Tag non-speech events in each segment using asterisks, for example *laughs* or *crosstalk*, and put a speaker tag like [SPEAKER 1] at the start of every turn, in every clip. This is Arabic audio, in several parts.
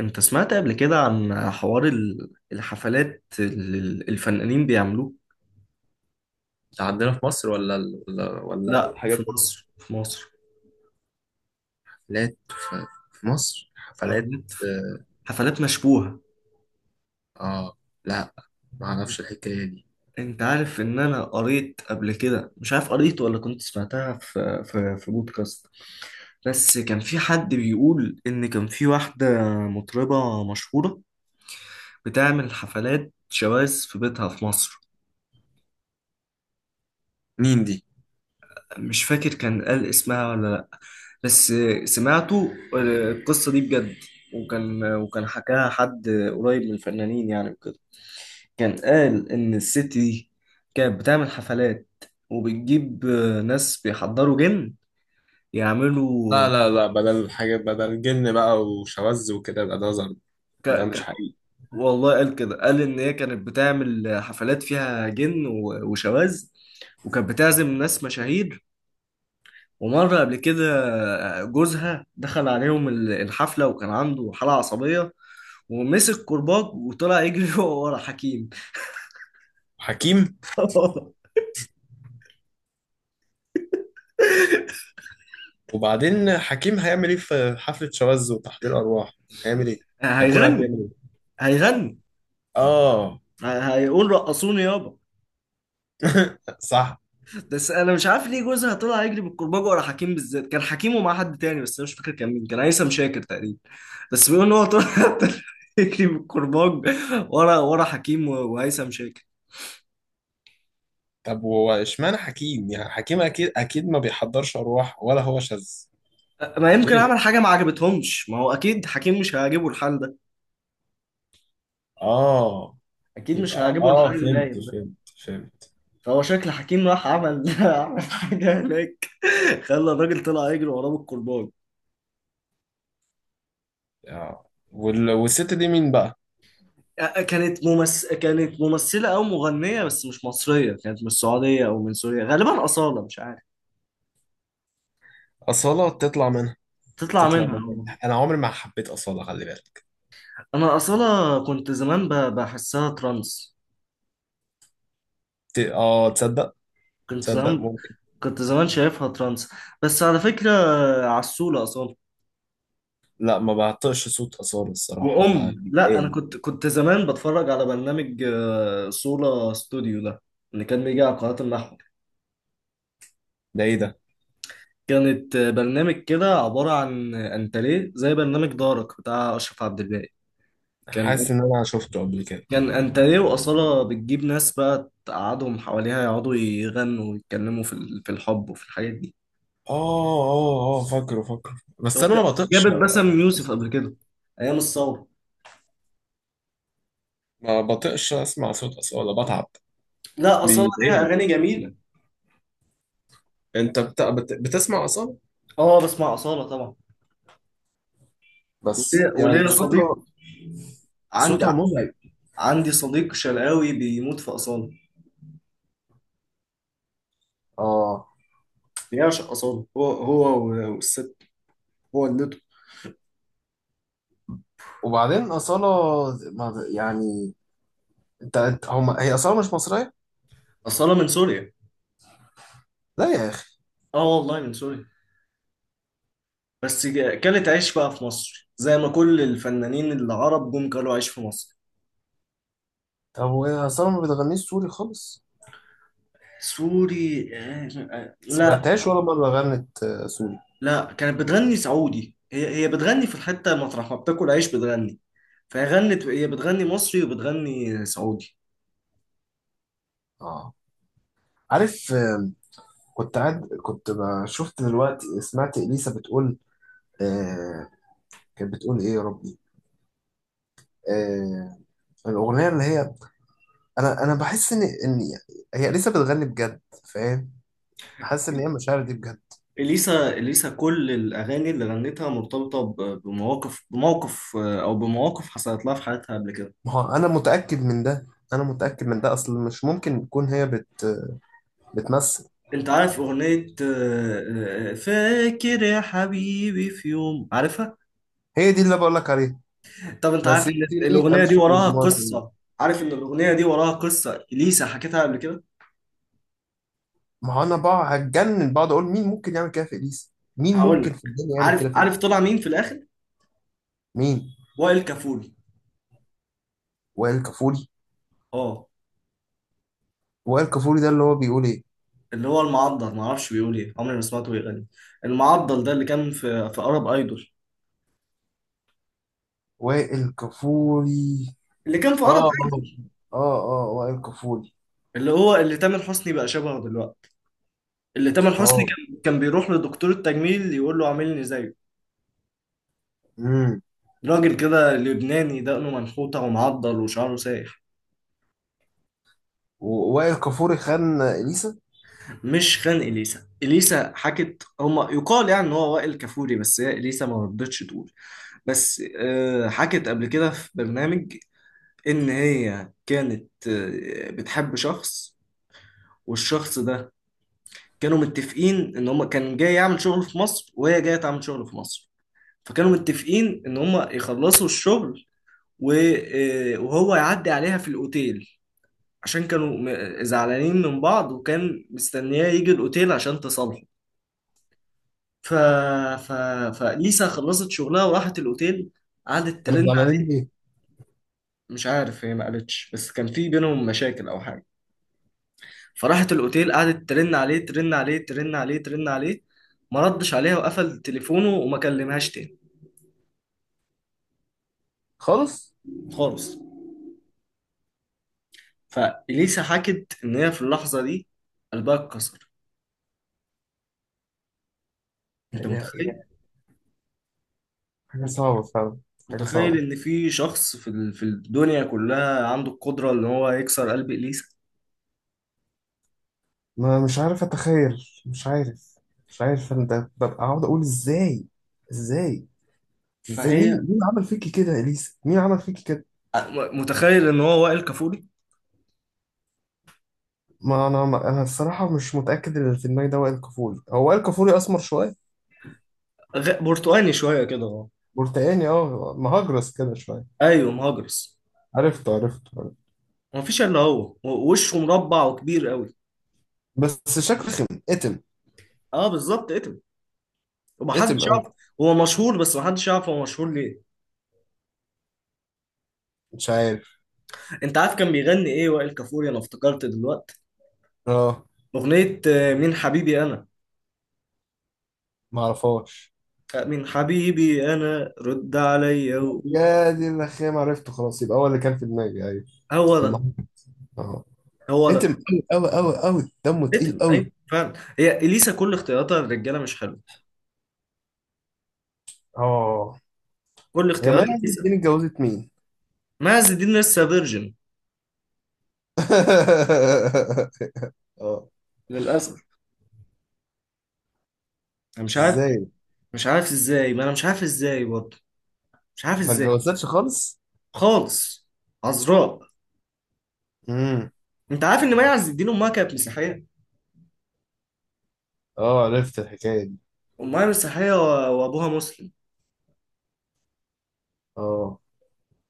[SPEAKER 1] انت سمعت قبل كده عن حوار الحفلات اللي الفنانين بيعملوه.
[SPEAKER 2] ده عندنا في مصر ولا ال- ولا ولا
[SPEAKER 1] لا،
[SPEAKER 2] الحاجات
[SPEAKER 1] في
[SPEAKER 2] دي؟
[SPEAKER 1] مصر، في مصر
[SPEAKER 2] حفلات في، في مصر حفلات.
[SPEAKER 1] حفلات.
[SPEAKER 2] اه.
[SPEAKER 1] حفلات مشبوهة.
[SPEAKER 2] آه، لا، ما اعرفش الحكايه دي.
[SPEAKER 1] انت عارف ان انا قريت قبل كده، مش عارف قريت ولا كنت سمعتها في في بودكاست، بس كان في حد بيقول ان كان في واحدة مطربة مشهورة بتعمل حفلات شواذ في بيتها في مصر.
[SPEAKER 2] مين دي؟
[SPEAKER 1] مش فاكر كان قال اسمها ولا. بس سمعته، القصة دي بجد. وكان حكاها حد قريب من الفنانين يعني وكده. كان قال إن الست دي كانت بتعمل حفلات، وبتجيب ناس بيحضروا جن يعملوا.
[SPEAKER 2] لا لا لا، بدل الحاجات، بدل جن بقى وشواذ وكده يبقى ده زر.
[SPEAKER 1] ك...
[SPEAKER 2] ده مش
[SPEAKER 1] ك...
[SPEAKER 2] حقيقي.
[SPEAKER 1] والله قال كده، قال إن هي كانت بتعمل حفلات فيها جن وشواذ، وكانت بتعزم ناس مشاهير. ومرة قبل كده جوزها دخل عليهم الحفلة وكان عنده حالة عصبية، ومسك كرباج وطلع يجري *laughs* ورا حكيم.
[SPEAKER 2] حكيم؟
[SPEAKER 1] *laughs*
[SPEAKER 2] وبعدين حكيم هيعمل ايه في حفله شواذ وتحضير ارواح؟ هيعمل ايه؟ هيكون قاعد بيعمل
[SPEAKER 1] هيغني.
[SPEAKER 2] ايه؟
[SPEAKER 1] هيغني.
[SPEAKER 2] اه.
[SPEAKER 1] هيقول رقصوني يابا.
[SPEAKER 2] *laughs* صح.
[SPEAKER 1] بس انا مش عارف ليه جوزها طلع يجري بالكرباج ورا حكيم بالذات. كان حكيم ومع حد تاني بس انا مش فاكر كان مين، كان هيثم شاكر تقريبا. بس بيقول ان هو طلع *laughs* طلع يجري بالكرباج ورا حكيم وهيثم شاكر.
[SPEAKER 2] طب هو اشمعنى حكيم؟ يعني حكيم اكيد اكيد ما بيحضرش ارواح ولا هو شاذ.
[SPEAKER 1] ما يمكن عمل
[SPEAKER 2] ليه؟
[SPEAKER 1] حاجه ما عجبتهمش، ما هو اكيد حكيم مش هيعجبه الحال ده.
[SPEAKER 2] اه.
[SPEAKER 1] اكيد مش
[SPEAKER 2] يبقى
[SPEAKER 1] هيعجبه الحال
[SPEAKER 2] اه،
[SPEAKER 1] اللي
[SPEAKER 2] فهمت
[SPEAKER 1] نايم ده.
[SPEAKER 2] فهمت. فهمت.
[SPEAKER 1] فهو شكل حكيم راح عمل *laughs* عمل حاجة هناك، خلى الراجل طلع يجري وراه بالكرباج.
[SPEAKER 2] اه، والست دي مين بقى؟
[SPEAKER 1] كانت ممثلة أو مغنية، بس مش مصرية، كانت من السعودية أو من سوريا، غالبا أصالة، مش عارف.
[SPEAKER 2] أصالة؟ تطلع منها.
[SPEAKER 1] تطلع
[SPEAKER 2] تطلع
[SPEAKER 1] منها.
[SPEAKER 2] منها، انا عمري ما حبيت أصالة، خلي بالك.
[SPEAKER 1] أنا أصالة كنت زمان بحسها ترانس.
[SPEAKER 2] اه، تصدق؟
[SPEAKER 1] كنت
[SPEAKER 2] تصدق،
[SPEAKER 1] زمان.
[SPEAKER 2] ممكن.
[SPEAKER 1] كنت زمان شايفها ترانس، بس على فكرة عسولة أصالة.
[SPEAKER 2] لا، ما بعطيش صوت أصالة الصراحة، بقى
[SPEAKER 1] وأم لا، أنا
[SPEAKER 2] بيضايقني.
[SPEAKER 1] كنت زمان بتفرج على برنامج صولة ستوديو ده، اللي كان بيجي على قناة النحو.
[SPEAKER 2] ده ايه ده؟
[SPEAKER 1] كانت برنامج كده عبارة عن أنت ليه، زي برنامج دارك بتاع أشرف عبد الباقي. كان
[SPEAKER 2] حاسس ان انا شفته قبل كده.
[SPEAKER 1] كان أنت ليه، وأصالة بتجيب ناس بقى تقعدهم حواليها يقعدوا يغنوا ويتكلموا في في الحب وفي الحاجات دي.
[SPEAKER 2] اه اه اه، فاكره فاكره. بس انا ما
[SPEAKER 1] وك-
[SPEAKER 2] بطيقش.
[SPEAKER 1] جابت باسم يوسف قبل كده أيام الثورة.
[SPEAKER 2] ما بطيقش اسمع صوت أصالة، بتعب.
[SPEAKER 1] لا، أصالة ليها
[SPEAKER 2] بيضايقني.
[SPEAKER 1] أغاني جميلة.
[SPEAKER 2] انت بتسمع أصالة؟
[SPEAKER 1] أه، بسمع أصالة طبعا.
[SPEAKER 2] بس
[SPEAKER 1] وليا
[SPEAKER 2] يعني
[SPEAKER 1] وليا صديق
[SPEAKER 2] صوتها.
[SPEAKER 1] عندي.
[SPEAKER 2] صوتها مزعج.
[SPEAKER 1] عندي صديق شرقاوي بيموت في أصالة.
[SPEAKER 2] اه.
[SPEAKER 1] بيعشق أصالة. هو والست، هو اللي...
[SPEAKER 2] وبعدين أصالة يعني، انت انت- هم هي أصالة مش مصرية؟
[SPEAKER 1] أصالة من سوريا.
[SPEAKER 2] لا يا أخي.
[SPEAKER 1] اه والله من سوريا، بس كلت عيش بقى في مصر، زي ما كل الفنانين العرب جم كلوا عيش في مصر.
[SPEAKER 2] طب وهي أصالة ما بتغنيش سوري خالص؟
[SPEAKER 1] سوري؟ لا.
[SPEAKER 2] سمعتهاش ولا مرة غنت سوري؟
[SPEAKER 1] لا، كانت بتغني سعودي، هي بتغني في الحتة مطرح ما بتاكل عيش بتغني. فهي غنت، هي بتغني مصري وبتغني سعودي.
[SPEAKER 2] اه، عارف. كنت قاعد، شفت دلوقتي سمعت إليسا بتقول. آه، كانت بتقول إيه يا ربي؟ آه، الأغنية اللي هي، أنا بحس إن هي إليسا بتغني بجد، فاهم؟ حاسس إن هي المشاعر دي بجد.
[SPEAKER 1] إليسا كل الأغاني اللي غنتها مرتبطة بمواقف، بموقف أو بمواقف حصلت لها في حياتها قبل كده.
[SPEAKER 2] ما هو أنا متأكد من ده. أنا متأكد من ده، أصل مش ممكن تكون هي بتمثل.
[SPEAKER 1] أنت عارف أغنية فاكر يا حبيبي في يوم، عارفها؟
[SPEAKER 2] هي دي اللي بقول لك عليها.
[SPEAKER 1] طب انت عارف ان
[SPEAKER 2] مسكتني
[SPEAKER 1] الاغنيه دي
[SPEAKER 2] امشي
[SPEAKER 1] وراها
[SPEAKER 2] والمواطنين.
[SPEAKER 1] قصه؟ عارف ان الاغنيه دي وراها قصه، اليسا حكيتها قبل كده.
[SPEAKER 2] ما هو انا بقى هتجنن، بقعد اقول مين ممكن يعمل كده في اليس، مين
[SPEAKER 1] هقول
[SPEAKER 2] ممكن
[SPEAKER 1] لك.
[SPEAKER 2] في الدنيا يعمل
[SPEAKER 1] عارف
[SPEAKER 2] كده في اليس.
[SPEAKER 1] عارف طلع مين في الاخر؟
[SPEAKER 2] مين؟
[SPEAKER 1] وائل كفوري.
[SPEAKER 2] وائل كفوري؟
[SPEAKER 1] اه.
[SPEAKER 2] وائل كفوري ده اللي هو بيقول ايه؟
[SPEAKER 1] اللي هو المعضل، ما اعرفش بيقول ايه، عمري ما سمعته بيغني. المعضل ده اللي كان في ارب ايدول.
[SPEAKER 2] وائل كفوري.
[SPEAKER 1] اللي كان في ارب
[SPEAKER 2] اه
[SPEAKER 1] ايدول،
[SPEAKER 2] اه. اه. اه، وائل كفوري.
[SPEAKER 1] اللي هو اللي تامر حسني بقى شبهه دلوقتي. اللي تامر حسني
[SPEAKER 2] اه.
[SPEAKER 1] كان بيروح لدكتور التجميل يقول له عاملني زيه.
[SPEAKER 2] امم
[SPEAKER 1] راجل كده لبناني، دقنه منحوته ومعضل وشعره سايح.
[SPEAKER 2] ووائل كفوري خان اليسا؟
[SPEAKER 1] مش خان اليسا، اليسا حكت، هما يقال يعني ان هو وائل كفوري، بس هي اليسا ما رضتش تقول. بس حكت قبل كده في برنامج ان هي كانت بتحب شخص. والشخص ده، كانوا متفقين ان هما، كان جاي يعمل شغل في مصر وهي جايه تعمل شغل في مصر، فكانوا متفقين ان هما يخلصوا الشغل وهو يعدي عليها في الاوتيل، عشان كانوا زعلانين من بعض، وكان مستنياه يجي الاوتيل عشان تصالحه. ف... ف... فليسا خلصت شغلها وراحت الأوتيل، قعدت
[SPEAKER 2] كانوا
[SPEAKER 1] ترن
[SPEAKER 2] زعلانين
[SPEAKER 1] عليه.
[SPEAKER 2] ليه؟
[SPEAKER 1] مش عارف، هي ما قالتش، بس كان في بينهم مشاكل أو حاجة. فراحت الأوتيل، قعدت ترن عليه ترن عليه ترن عليه ترن عليه. ما ردش عليها وقفل تليفونه وما كلمهاش تاني.
[SPEAKER 2] خالص.
[SPEAKER 1] خالص. فإليسا حكت إن هي في اللحظة دي قلبها اتكسر. أنت
[SPEAKER 2] يعني
[SPEAKER 1] متخيل؟
[SPEAKER 2] يعني حاجه
[SPEAKER 1] أنت
[SPEAKER 2] صعبه فعلا. حاجه
[SPEAKER 1] متخيل
[SPEAKER 2] صعبه.
[SPEAKER 1] إن في شخص في في الدنيا كلها عنده القدرة إن هو يكسر قلب إليسا؟
[SPEAKER 2] ما مش عارف اتخيل، مش عارف. مش عارف انا، ده ببقى اقعد اقول ازاي. ازاي. ازاي، مين
[SPEAKER 1] فهي...
[SPEAKER 2] مين عمل فيكي كده يا اليسا، مين عمل فيكي كده.
[SPEAKER 1] متخيل إن هو وائل كفوري؟
[SPEAKER 2] ما انا الصراحه مش متاكد ان اللي في دماغي ده وائل كفوري، هو وائل كفوري اسمر شويه.
[SPEAKER 1] برتقاني شويه كده، اه.
[SPEAKER 2] برتقاني، اه، مهجرس كده شويه.
[SPEAKER 1] ايوه، مهاجرس.
[SPEAKER 2] عرفته عرفته عرفته.
[SPEAKER 1] ما فيش الا هو، وشه مربع وكبير قوي.
[SPEAKER 2] بس شكله خم، اتم.
[SPEAKER 1] اه بالظبط، اتم.
[SPEAKER 2] اتم
[SPEAKER 1] ومحدش
[SPEAKER 2] قوي.
[SPEAKER 1] يعرف هو مشهور، بس محدش يعرف هو مشهور ليه.
[SPEAKER 2] مش عارف.
[SPEAKER 1] انت عارف كان بيغني ايه وائل كفوري؟ انا افتكرت دلوقتي،
[SPEAKER 2] اه.
[SPEAKER 1] اغنيه مين حبيبي انا.
[SPEAKER 2] ما اعرفهاش.
[SPEAKER 1] مين حبيبي انا، رد عليا وقول.
[SPEAKER 2] يا دي الرخام، عرفته خلاص. يبقى هو اللي كان في دماغي، ايوه.
[SPEAKER 1] هو ده
[SPEAKER 2] المهم. اه.
[SPEAKER 1] هو ده
[SPEAKER 2] اتم قوي قوي قوي قوي، دمه تقيل
[SPEAKER 1] اتم،
[SPEAKER 2] قوي.
[SPEAKER 1] ايوه فعلا. هي اليسا كل اختياراتها الرجاله مش حلوه.
[SPEAKER 2] اه.
[SPEAKER 1] كل
[SPEAKER 2] هي مي
[SPEAKER 1] اختيارات
[SPEAKER 2] عز
[SPEAKER 1] اليسا.
[SPEAKER 2] الدين اتجوزت مين؟
[SPEAKER 1] معز الدين لسه فيرجن،
[SPEAKER 2] *laughs* اه.
[SPEAKER 1] للاسف. انا مش عارف.
[SPEAKER 2] ازاي؟
[SPEAKER 1] مش عارف ازاي، ما انا مش عارف ازاي برضه. مش عارف
[SPEAKER 2] ما
[SPEAKER 1] ازاي
[SPEAKER 2] اتجوزتش خالص؟
[SPEAKER 1] خالص. عذراء.
[SPEAKER 2] امم.
[SPEAKER 1] انت عارف ان مي عز الدين امها كانت مسيحيه.
[SPEAKER 2] اه، عرفت الحكاية دي.
[SPEAKER 1] امها مسيحيه وابوها مسلم.
[SPEAKER 2] اه،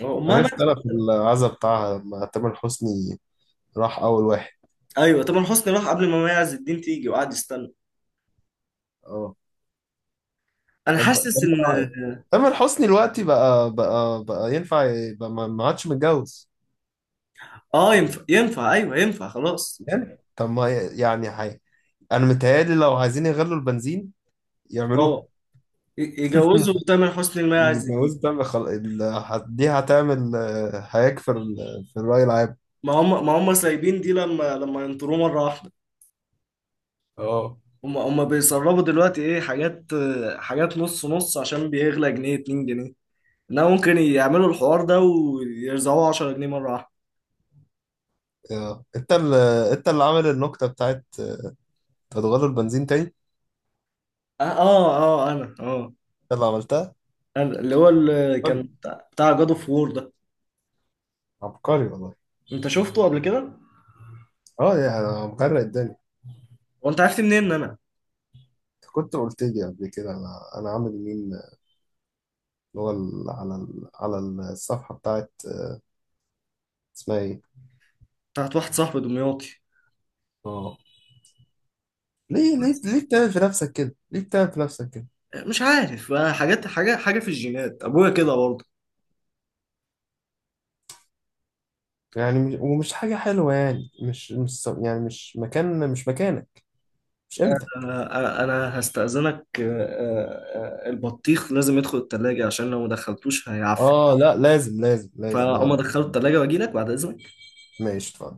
[SPEAKER 1] امها
[SPEAKER 2] عرفت
[SPEAKER 1] ماتت.
[SPEAKER 2] انا في العزا بتاعها لما تامر حسني راح اول واحد.
[SPEAKER 1] ايوه طبعا، حسني راح قبل ما مي عز الدين تيجي وقعد يستنى.
[SPEAKER 2] اه.
[SPEAKER 1] انا
[SPEAKER 2] طب
[SPEAKER 1] حاسس
[SPEAKER 2] طب،
[SPEAKER 1] ان...
[SPEAKER 2] تامر حسني دلوقتي بقى بقى بقى ينفع يبقى، ما عادش متجوز.
[SPEAKER 1] اه، ينفع. ايوه ينفع، خلاص.
[SPEAKER 2] يعني طب ما يعني حي. انا متهيألي لو عايزين يغلوا البنزين يعملوها.
[SPEAKER 1] اه،
[SPEAKER 2] *laughs*
[SPEAKER 1] يجوزوا تامر حسني لمي عز
[SPEAKER 2] الجواز
[SPEAKER 1] الدين.
[SPEAKER 2] ده دي هتعمل، هيك في الرأي العام.
[SPEAKER 1] ما هم سايبين دي، لما ينطروه مره واحده.
[SPEAKER 2] اه.
[SPEAKER 1] هم بيسربوا دلوقتي ايه حاجات، حاجات نص نص، عشان بيغلى جنيه 2 جنيه. انها ممكن يعملوا الحوار ده ويرزعوه 10 جنيه مره واحده.
[SPEAKER 2] آه. انت اللي، انت اللي عامل النكتة بتاعت، انت هتغير البنزين تاني، انت
[SPEAKER 1] اه اه، انا اه،
[SPEAKER 2] اللي عملتها.
[SPEAKER 1] انا اللي هو اللي كان
[SPEAKER 2] عبقري.
[SPEAKER 1] بتاع جاد اوف وور ده.
[SPEAKER 2] عبقري والله.
[SPEAKER 1] انت شفته قبل كده؟
[SPEAKER 2] اه، يعني انا مغرق الدنيا.
[SPEAKER 1] وانت عرفت منين ان انا
[SPEAKER 2] انت كنت قلت لي قبل كده، انا عامل مين اللي هو على الصفحة بتاعت اسمها ايه؟
[SPEAKER 1] بتاعت واحد صاحبي دمياطي؟
[SPEAKER 2] اه. ليه ليه ليه بتعمل في نفسك كده؟ ليه بتعمل في نفسك كده؟
[SPEAKER 1] مش عارف، حاجات. حاجه في الجينات، ابويا كده برضه.
[SPEAKER 2] يعني مش... ومش حاجة حلوة، يعني مش يعني، مش مكان، مش مكانك، مش
[SPEAKER 1] آه،
[SPEAKER 2] قيمتك.
[SPEAKER 1] آه، انا هستأذنك، البطيخ لازم يدخل التلاجة عشان لو ما دخلتوش هيعفن.
[SPEAKER 2] اه، لا لازم لازم لازم،
[SPEAKER 1] فاما
[SPEAKER 2] يلا.
[SPEAKER 1] دخلت التلاجة واجي لك بعد اذنك.
[SPEAKER 2] ماشي اتفضل.